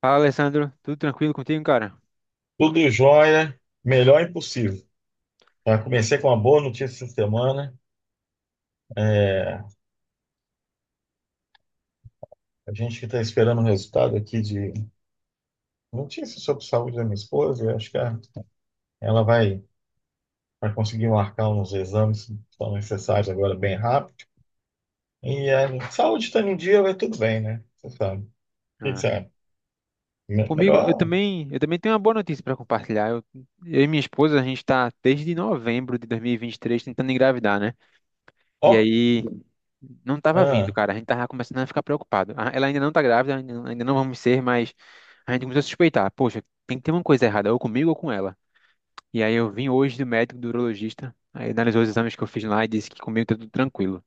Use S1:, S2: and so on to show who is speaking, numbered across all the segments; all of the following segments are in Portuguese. S1: Fala, Alessandro. Tudo tranquilo contigo, cara?
S2: Tudo jóia, melhor impossível. Tá? Comecei com uma boa notícia essa semana. É, a gente que está esperando o resultado aqui de notícias sobre saúde da minha esposa, eu acho que ela vai conseguir marcar uns exames que são necessários agora bem rápido. E a saúde está em dia, vai tudo bem, né? Você sabe. O que que
S1: Ah,
S2: você acha?
S1: comigo, eu
S2: Melhor.
S1: também, eu também tenho uma boa notícia para compartilhar. Eu e minha esposa, a gente está desde novembro de 2023 tentando engravidar, né? E
S2: Ó,
S1: aí não tava vindo,
S2: ah,
S1: cara. A gente tava começando a ficar preocupado. Ah, ela ainda não tá grávida, ainda não vamos ser, mas a gente começou a suspeitar. Poxa, tem que ter uma coisa errada, ou comigo ou com ela. E aí eu vim hoje do médico, do urologista. Aí analisou os exames que eu fiz lá e disse que comigo tá tudo tranquilo.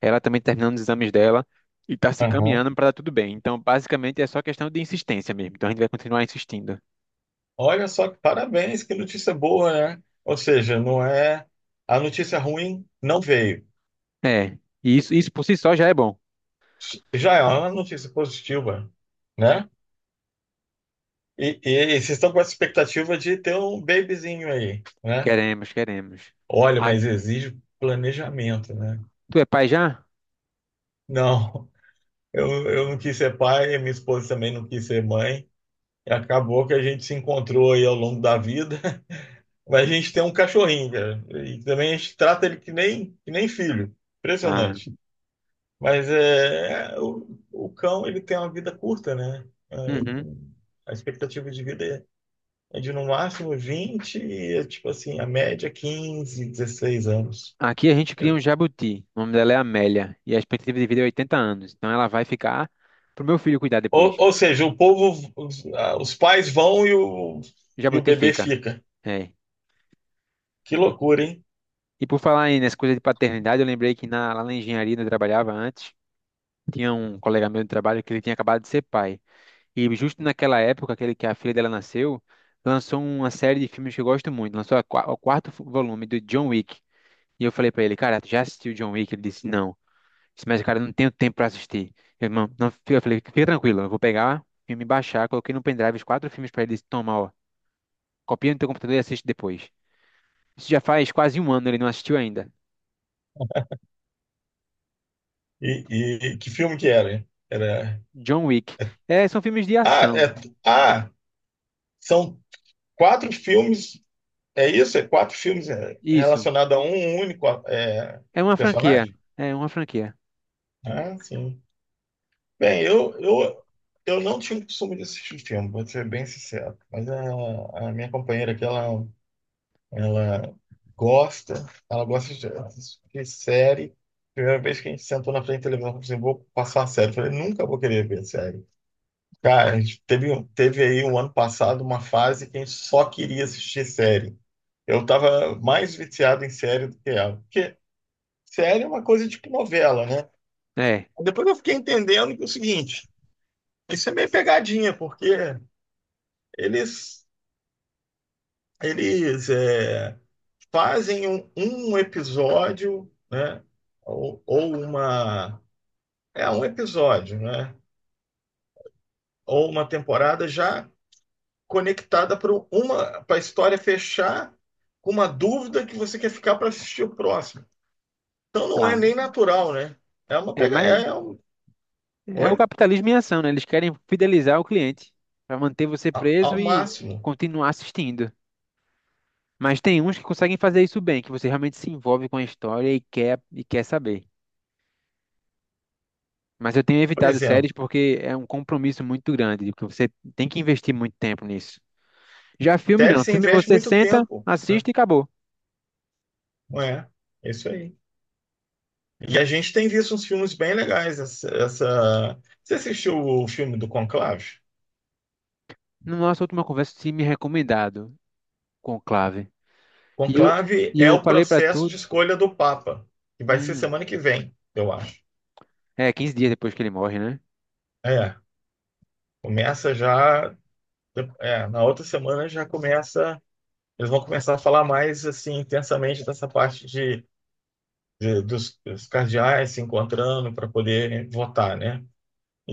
S1: Ela também terminando os exames dela e está se
S2: aham.
S1: caminhando para dar tudo bem. Então, basicamente, é só questão de insistência mesmo. Então, a gente vai continuar insistindo.
S2: Olha só, que parabéns, que notícia boa, né? Ou seja, não é. A notícia ruim não veio.
S1: É, e isso por si só já é bom.
S2: Já é uma notícia positiva, né? E vocês estão com essa expectativa de ter um babyzinho aí, né?
S1: Queremos, queremos.
S2: Olha,
S1: Ah,
S2: mas exige planejamento, né?
S1: tu é pai já?
S2: Não, eu não quis ser pai, minha esposa também não quis ser mãe. E acabou que a gente se encontrou aí ao longo da vida. Mas a gente tem um cachorrinho, cara. E também a gente trata ele que nem filho.
S1: Ah,
S2: Impressionante. O cão, ele tem uma vida curta, né? É,
S1: uhum.
S2: a expectativa de vida é de no máximo tipo assim, a média é 15 16 anos.
S1: Aqui a gente cria um jabuti. O nome dela é Amélia. E a expectativa de vida é 80 anos. Então ela vai ficar pro meu filho cuidar depois.
S2: Ou seja, o povo, os pais vão
S1: O
S2: e o
S1: jabuti
S2: bebê
S1: fica.
S2: fica.
S1: É.
S2: Que loucura, hein?
S1: E por falar aí nessa coisa de paternidade, eu lembrei que lá na engenharia onde eu trabalhava antes, tinha um colega meu de trabalho que ele tinha acabado de ser pai. E justo naquela época, aquele que a filha dela nasceu, lançou uma série de filmes que eu gosto muito. Lançou a o quarto volume do John Wick. E eu falei pra ele, cara, tu já assistiu John Wick? Ele disse, não. Eu disse, mas, cara, eu não tenho tempo pra assistir. Eu, não, não, eu falei, fica tranquilo, eu vou pegar o me baixar, coloquei no pendrive os quatro filmes pra ele. Ele disse, toma, ó, copia no teu computador e assiste depois. Isso já faz quase um ano, ele não assistiu ainda.
S2: E, que filme que era? Hein? Era.
S1: John Wick. É, são filmes de
S2: Ah,
S1: ação.
S2: é- ah, São quatro filmes. É isso?
S1: Isso.
S2: Relacionados a um único
S1: É uma franquia.
S2: personagem?
S1: É uma franquia.
S2: Ah, sim. Bem, eu não tinha o costume de assistir filme, vou ser bem sincero. Mas a minha companheira aqui, ela gosta, ela gosta de assistir série. Primeira vez que a gente sentou na frente da televisão, eu falei assim, vou passar uma série. Eu falei, nunca vou querer ver série. Cara, a gente teve, teve aí um ano passado uma fase que a gente só queria assistir série. Eu tava mais viciado em série do que ela. Porque série é uma coisa tipo novela, né?
S1: É.
S2: Depois eu fiquei entendendo que é o seguinte. Isso é meio pegadinha, porque eles, eles é, fazem um episódio, né? Ou uma. É um episódio, né? Ou uma temporada já conectada para uma para a história fechar com uma dúvida que você quer ficar para assistir o próximo. Então não é
S1: Ah,
S2: nem natural, né? É uma
S1: é,
S2: pega,
S1: mas
S2: é um,
S1: é o
S2: Oi?
S1: capitalismo em ação, né? Eles querem fidelizar o cliente para manter você
S2: Ao,
S1: preso
S2: ao
S1: e
S2: máximo.
S1: continuar assistindo. Mas tem uns que conseguem fazer isso bem, que você realmente se envolve com a história e quer saber. Mas eu tenho
S2: Por
S1: evitado
S2: exemplo,
S1: séries porque é um compromisso muito grande, porque você tem que investir muito tempo nisso. Já filme
S2: série
S1: não,
S2: você
S1: filme
S2: investe
S1: você
S2: muito
S1: senta,
S2: tempo, né?
S1: assiste e acabou.
S2: Não é? É isso aí. E a gente tem visto uns filmes bem legais. Você assistiu o filme do Conclave?
S1: Na nossa última conversa, você tinha me recomendado Conclave. E eu,
S2: Conclave
S1: e
S2: é
S1: eu
S2: o
S1: falei para
S2: processo
S1: tu,
S2: de escolha do Papa, que vai ser
S1: hum,
S2: semana que vem, eu acho.
S1: é, 15 dias depois que ele morre, né?
S2: É, começa já. É, na outra semana já começa. Eles vão começar a falar mais assim intensamente dessa parte dos, dos cardeais se encontrando para poder votar, né?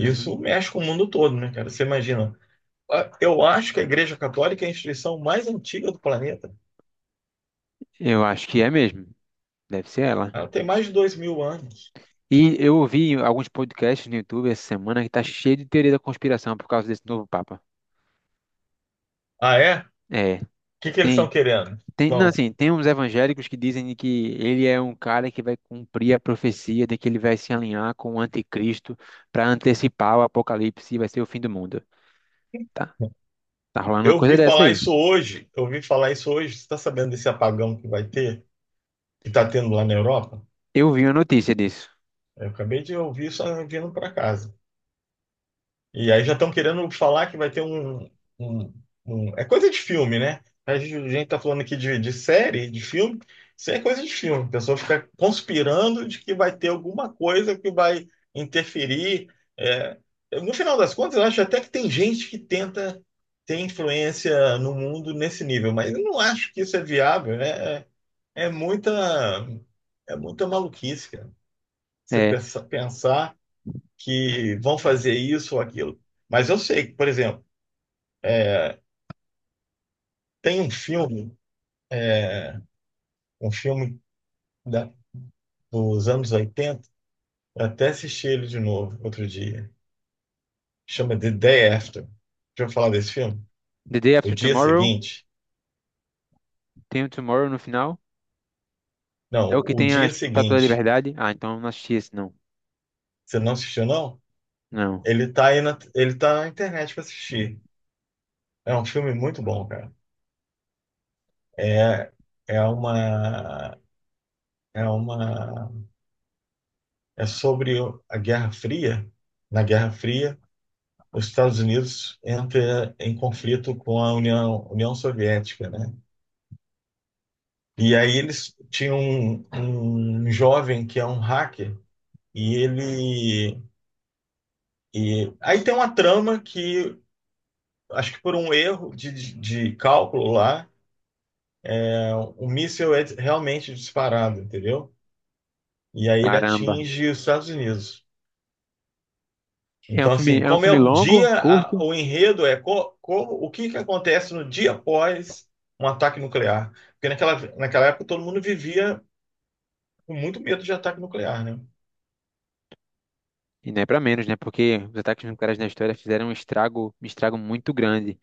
S1: Uhum.
S2: mexe com o mundo todo, né, cara? Você imagina? Eu acho que a Igreja Católica é a instituição mais antiga do planeta.
S1: Eu acho que é mesmo. Deve ser ela.
S2: Ah, tem mais de dois mil anos.
S1: E eu ouvi alguns podcasts no YouTube essa semana que tá cheio de teoria da conspiração por causa desse novo Papa.
S2: Ah, é? O
S1: É,
S2: que que eles estão
S1: tem.
S2: querendo?
S1: Tem, não,
S2: Bom,
S1: assim, tem uns evangélicos que dizem que ele é um cara que vai cumprir a profecia de que ele vai se alinhar com o anticristo para antecipar o apocalipse e vai ser o fim do mundo. Tá, tá rolando uma
S2: eu vi
S1: coisa dessa
S2: falar
S1: aí.
S2: isso hoje. Eu vi falar isso hoje. Você está sabendo desse apagão que vai ter? Que está tendo lá na Europa?
S1: Eu vi uma notícia disso.
S2: Eu acabei de ouvir isso vindo para casa. E aí já estão querendo falar que vai ter um- é coisa de filme, né? A gente tá falando aqui de série, de filme. Isso é coisa de filme. A pessoa fica conspirando de que vai ter alguma coisa que vai interferir. É, no final das contas, eu acho até que tem gente que tenta ter influência no mundo nesse nível, mas eu não acho que isso é viável, né? É muita, É muita maluquice, cara.
S1: É,
S2: Pensar que vão fazer isso ou aquilo. Mas eu sei que, por exemplo, tem um filme, é, um filme da- dos anos oitenta, eu até assisti ele de novo outro dia, chama The Day After. Já ouviu falar desse filme?
S1: The Day
S2: O
S1: After
S2: Dia
S1: Tomorrow,
S2: Seguinte?
S1: tem o Tomorrow no final. É
S2: Não,
S1: o que
S2: O
S1: tem a
S2: Dia
S1: Estátua da
S2: Seguinte.
S1: Liberdade. Ah, então eu não assisti esse, não.
S2: Você não assistiu, não?
S1: Não.
S2: Ele tá ele tá na internet para assistir. É um filme muito bom, cara. É, é uma, é uma, É sobre a Guerra Fria. Na Guerra Fria, os Estados Unidos entra em conflito com a União Soviética, né? E aí eles tinham um jovem que é um hacker e ele e aí tem uma trama que acho que por um erro de cálculo lá, é, o míssil é realmente disparado, entendeu? E aí ele
S1: Caramba.
S2: atinge os Estados Unidos. Então, assim,
S1: É um
S2: como é
S1: filme
S2: o
S1: longo,
S2: dia,
S1: curto,
S2: o enredo é como, o que que acontece no dia após um ataque nuclear. Porque naquela época todo mundo vivia com muito medo de ataque nuclear, né?
S1: e não é pra menos, né? Porque os ataques nucleares na história fizeram um estrago muito grande.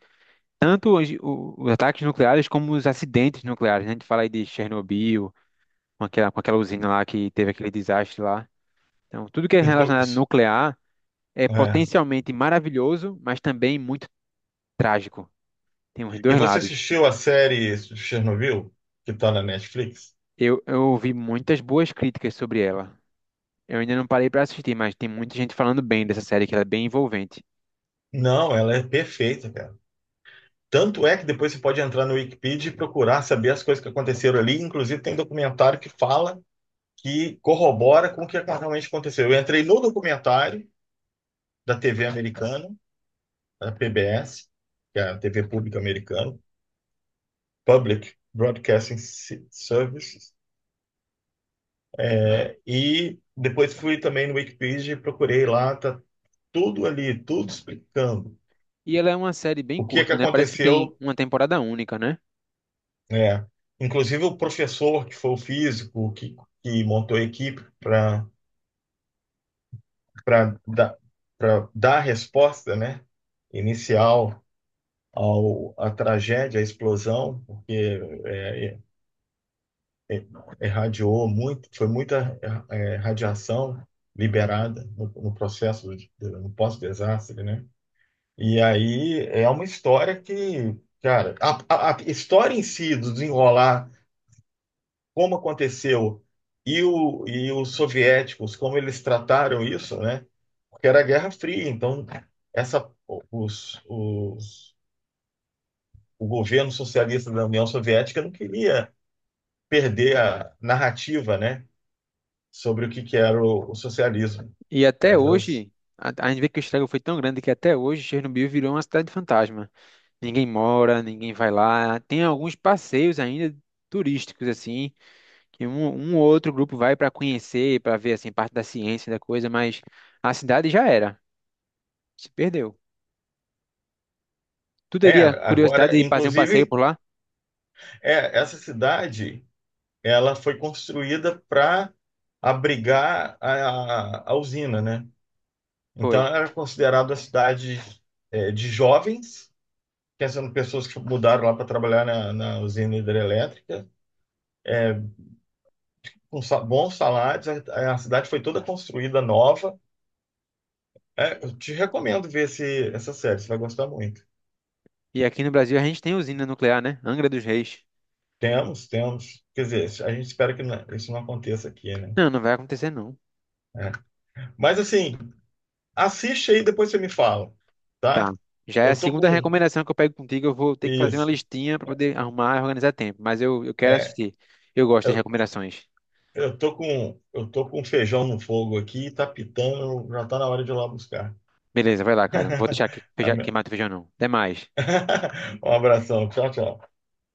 S1: Tanto os ataques nucleares como os acidentes nucleares, né? A gente fala aí de Chernobyl, com aquela usina lá que teve aquele desastre lá. Então, tudo que é
S2: Inclu-
S1: relacionado a nuclear é
S2: É.
S1: potencialmente maravilhoso, mas também muito trágico. Tem os
S2: E
S1: dois
S2: você
S1: lados.
S2: assistiu a série Chernobyl, que está na Netflix?
S1: Eu ouvi muitas boas críticas sobre ela. Eu ainda não parei pra assistir, mas tem muita gente falando bem dessa série, que ela é bem envolvente.
S2: Não, ela é perfeita, cara. Tanto é que depois você pode entrar no Wikipedia e procurar saber as coisas que aconteceram ali. Inclusive, tem documentário que fala, que corrobora com o que realmente aconteceu. Eu entrei no documentário da TV americana, a PBS, que é a TV pública americana, Public Services, é, e depois fui também no Wikipedia e procurei lá, tá tudo ali, tudo explicando
S1: E ela é uma série bem
S2: o que é que
S1: curta, né? Parece que tem
S2: aconteceu,
S1: uma temporada única, né?
S2: né? Inclusive o professor que foi o físico que montou a equipe para para dar para dar a resposta, né? Inicial ao à tragédia, à explosão, porque é, irradiou muito, foi muita eh, radiação liberada no processo, no pós-desastre, né? E aí é uma história que, cara, a história em si do desenrolar, como aconteceu e os soviéticos, como eles trataram isso, né? Porque era a Guerra Fria, então essa, os, os, o governo socialista da União Soviética não queria perder a narrativa, né? Sobre o que, que era o socialismo.
S1: E até
S2: Elas,
S1: hoje, a gente vê que o estrago foi tão grande que até hoje Chernobyl virou uma cidade fantasma. Ninguém mora, ninguém vai lá. Tem alguns passeios ainda turísticos, assim, que um ou outro grupo vai para conhecer, para ver, assim, parte da ciência da coisa, mas a cidade já era, se perdeu. Tu teria
S2: Agora,
S1: curiosidade de fazer um passeio
S2: inclusive,
S1: por lá?
S2: é, essa cidade ela foi construída para abrigar a usina, né?
S1: Foi.
S2: Então, era considerada uma cidade é, de jovens, pensando em pessoas que mudaram lá para trabalhar na usina hidrelétrica, com bons salários. A cidade foi toda construída nova. É, eu te recomendo ver essa série, você vai gostar muito.
S1: E aqui no Brasil a gente tem usina nuclear, né? Angra dos Reis.
S2: Temos, temos. Quer dizer, a gente espera que isso não aconteça aqui, né?
S1: Não, não vai acontecer não.
S2: É. Mas assim, assiste aí, depois você me fala, tá?
S1: Tá. Já é a
S2: Eu tô
S1: segunda
S2: com
S1: recomendação que eu pego contigo. Eu vou ter que fazer uma
S2: isso.
S1: listinha para poder arrumar e organizar tempo. Mas eu quero
S2: É,
S1: assistir. Eu gosto das
S2: eu,
S1: recomendações.
S2: eu tô com feijão no fogo aqui, tá pitando, já tá na hora de ir lá buscar.
S1: Beleza, vai lá, cara. Não vou deixar que, feijão-
S2: Amém.
S1: queimar teu feijão, não. Até mais.
S2: Um abração, tchau, tchau.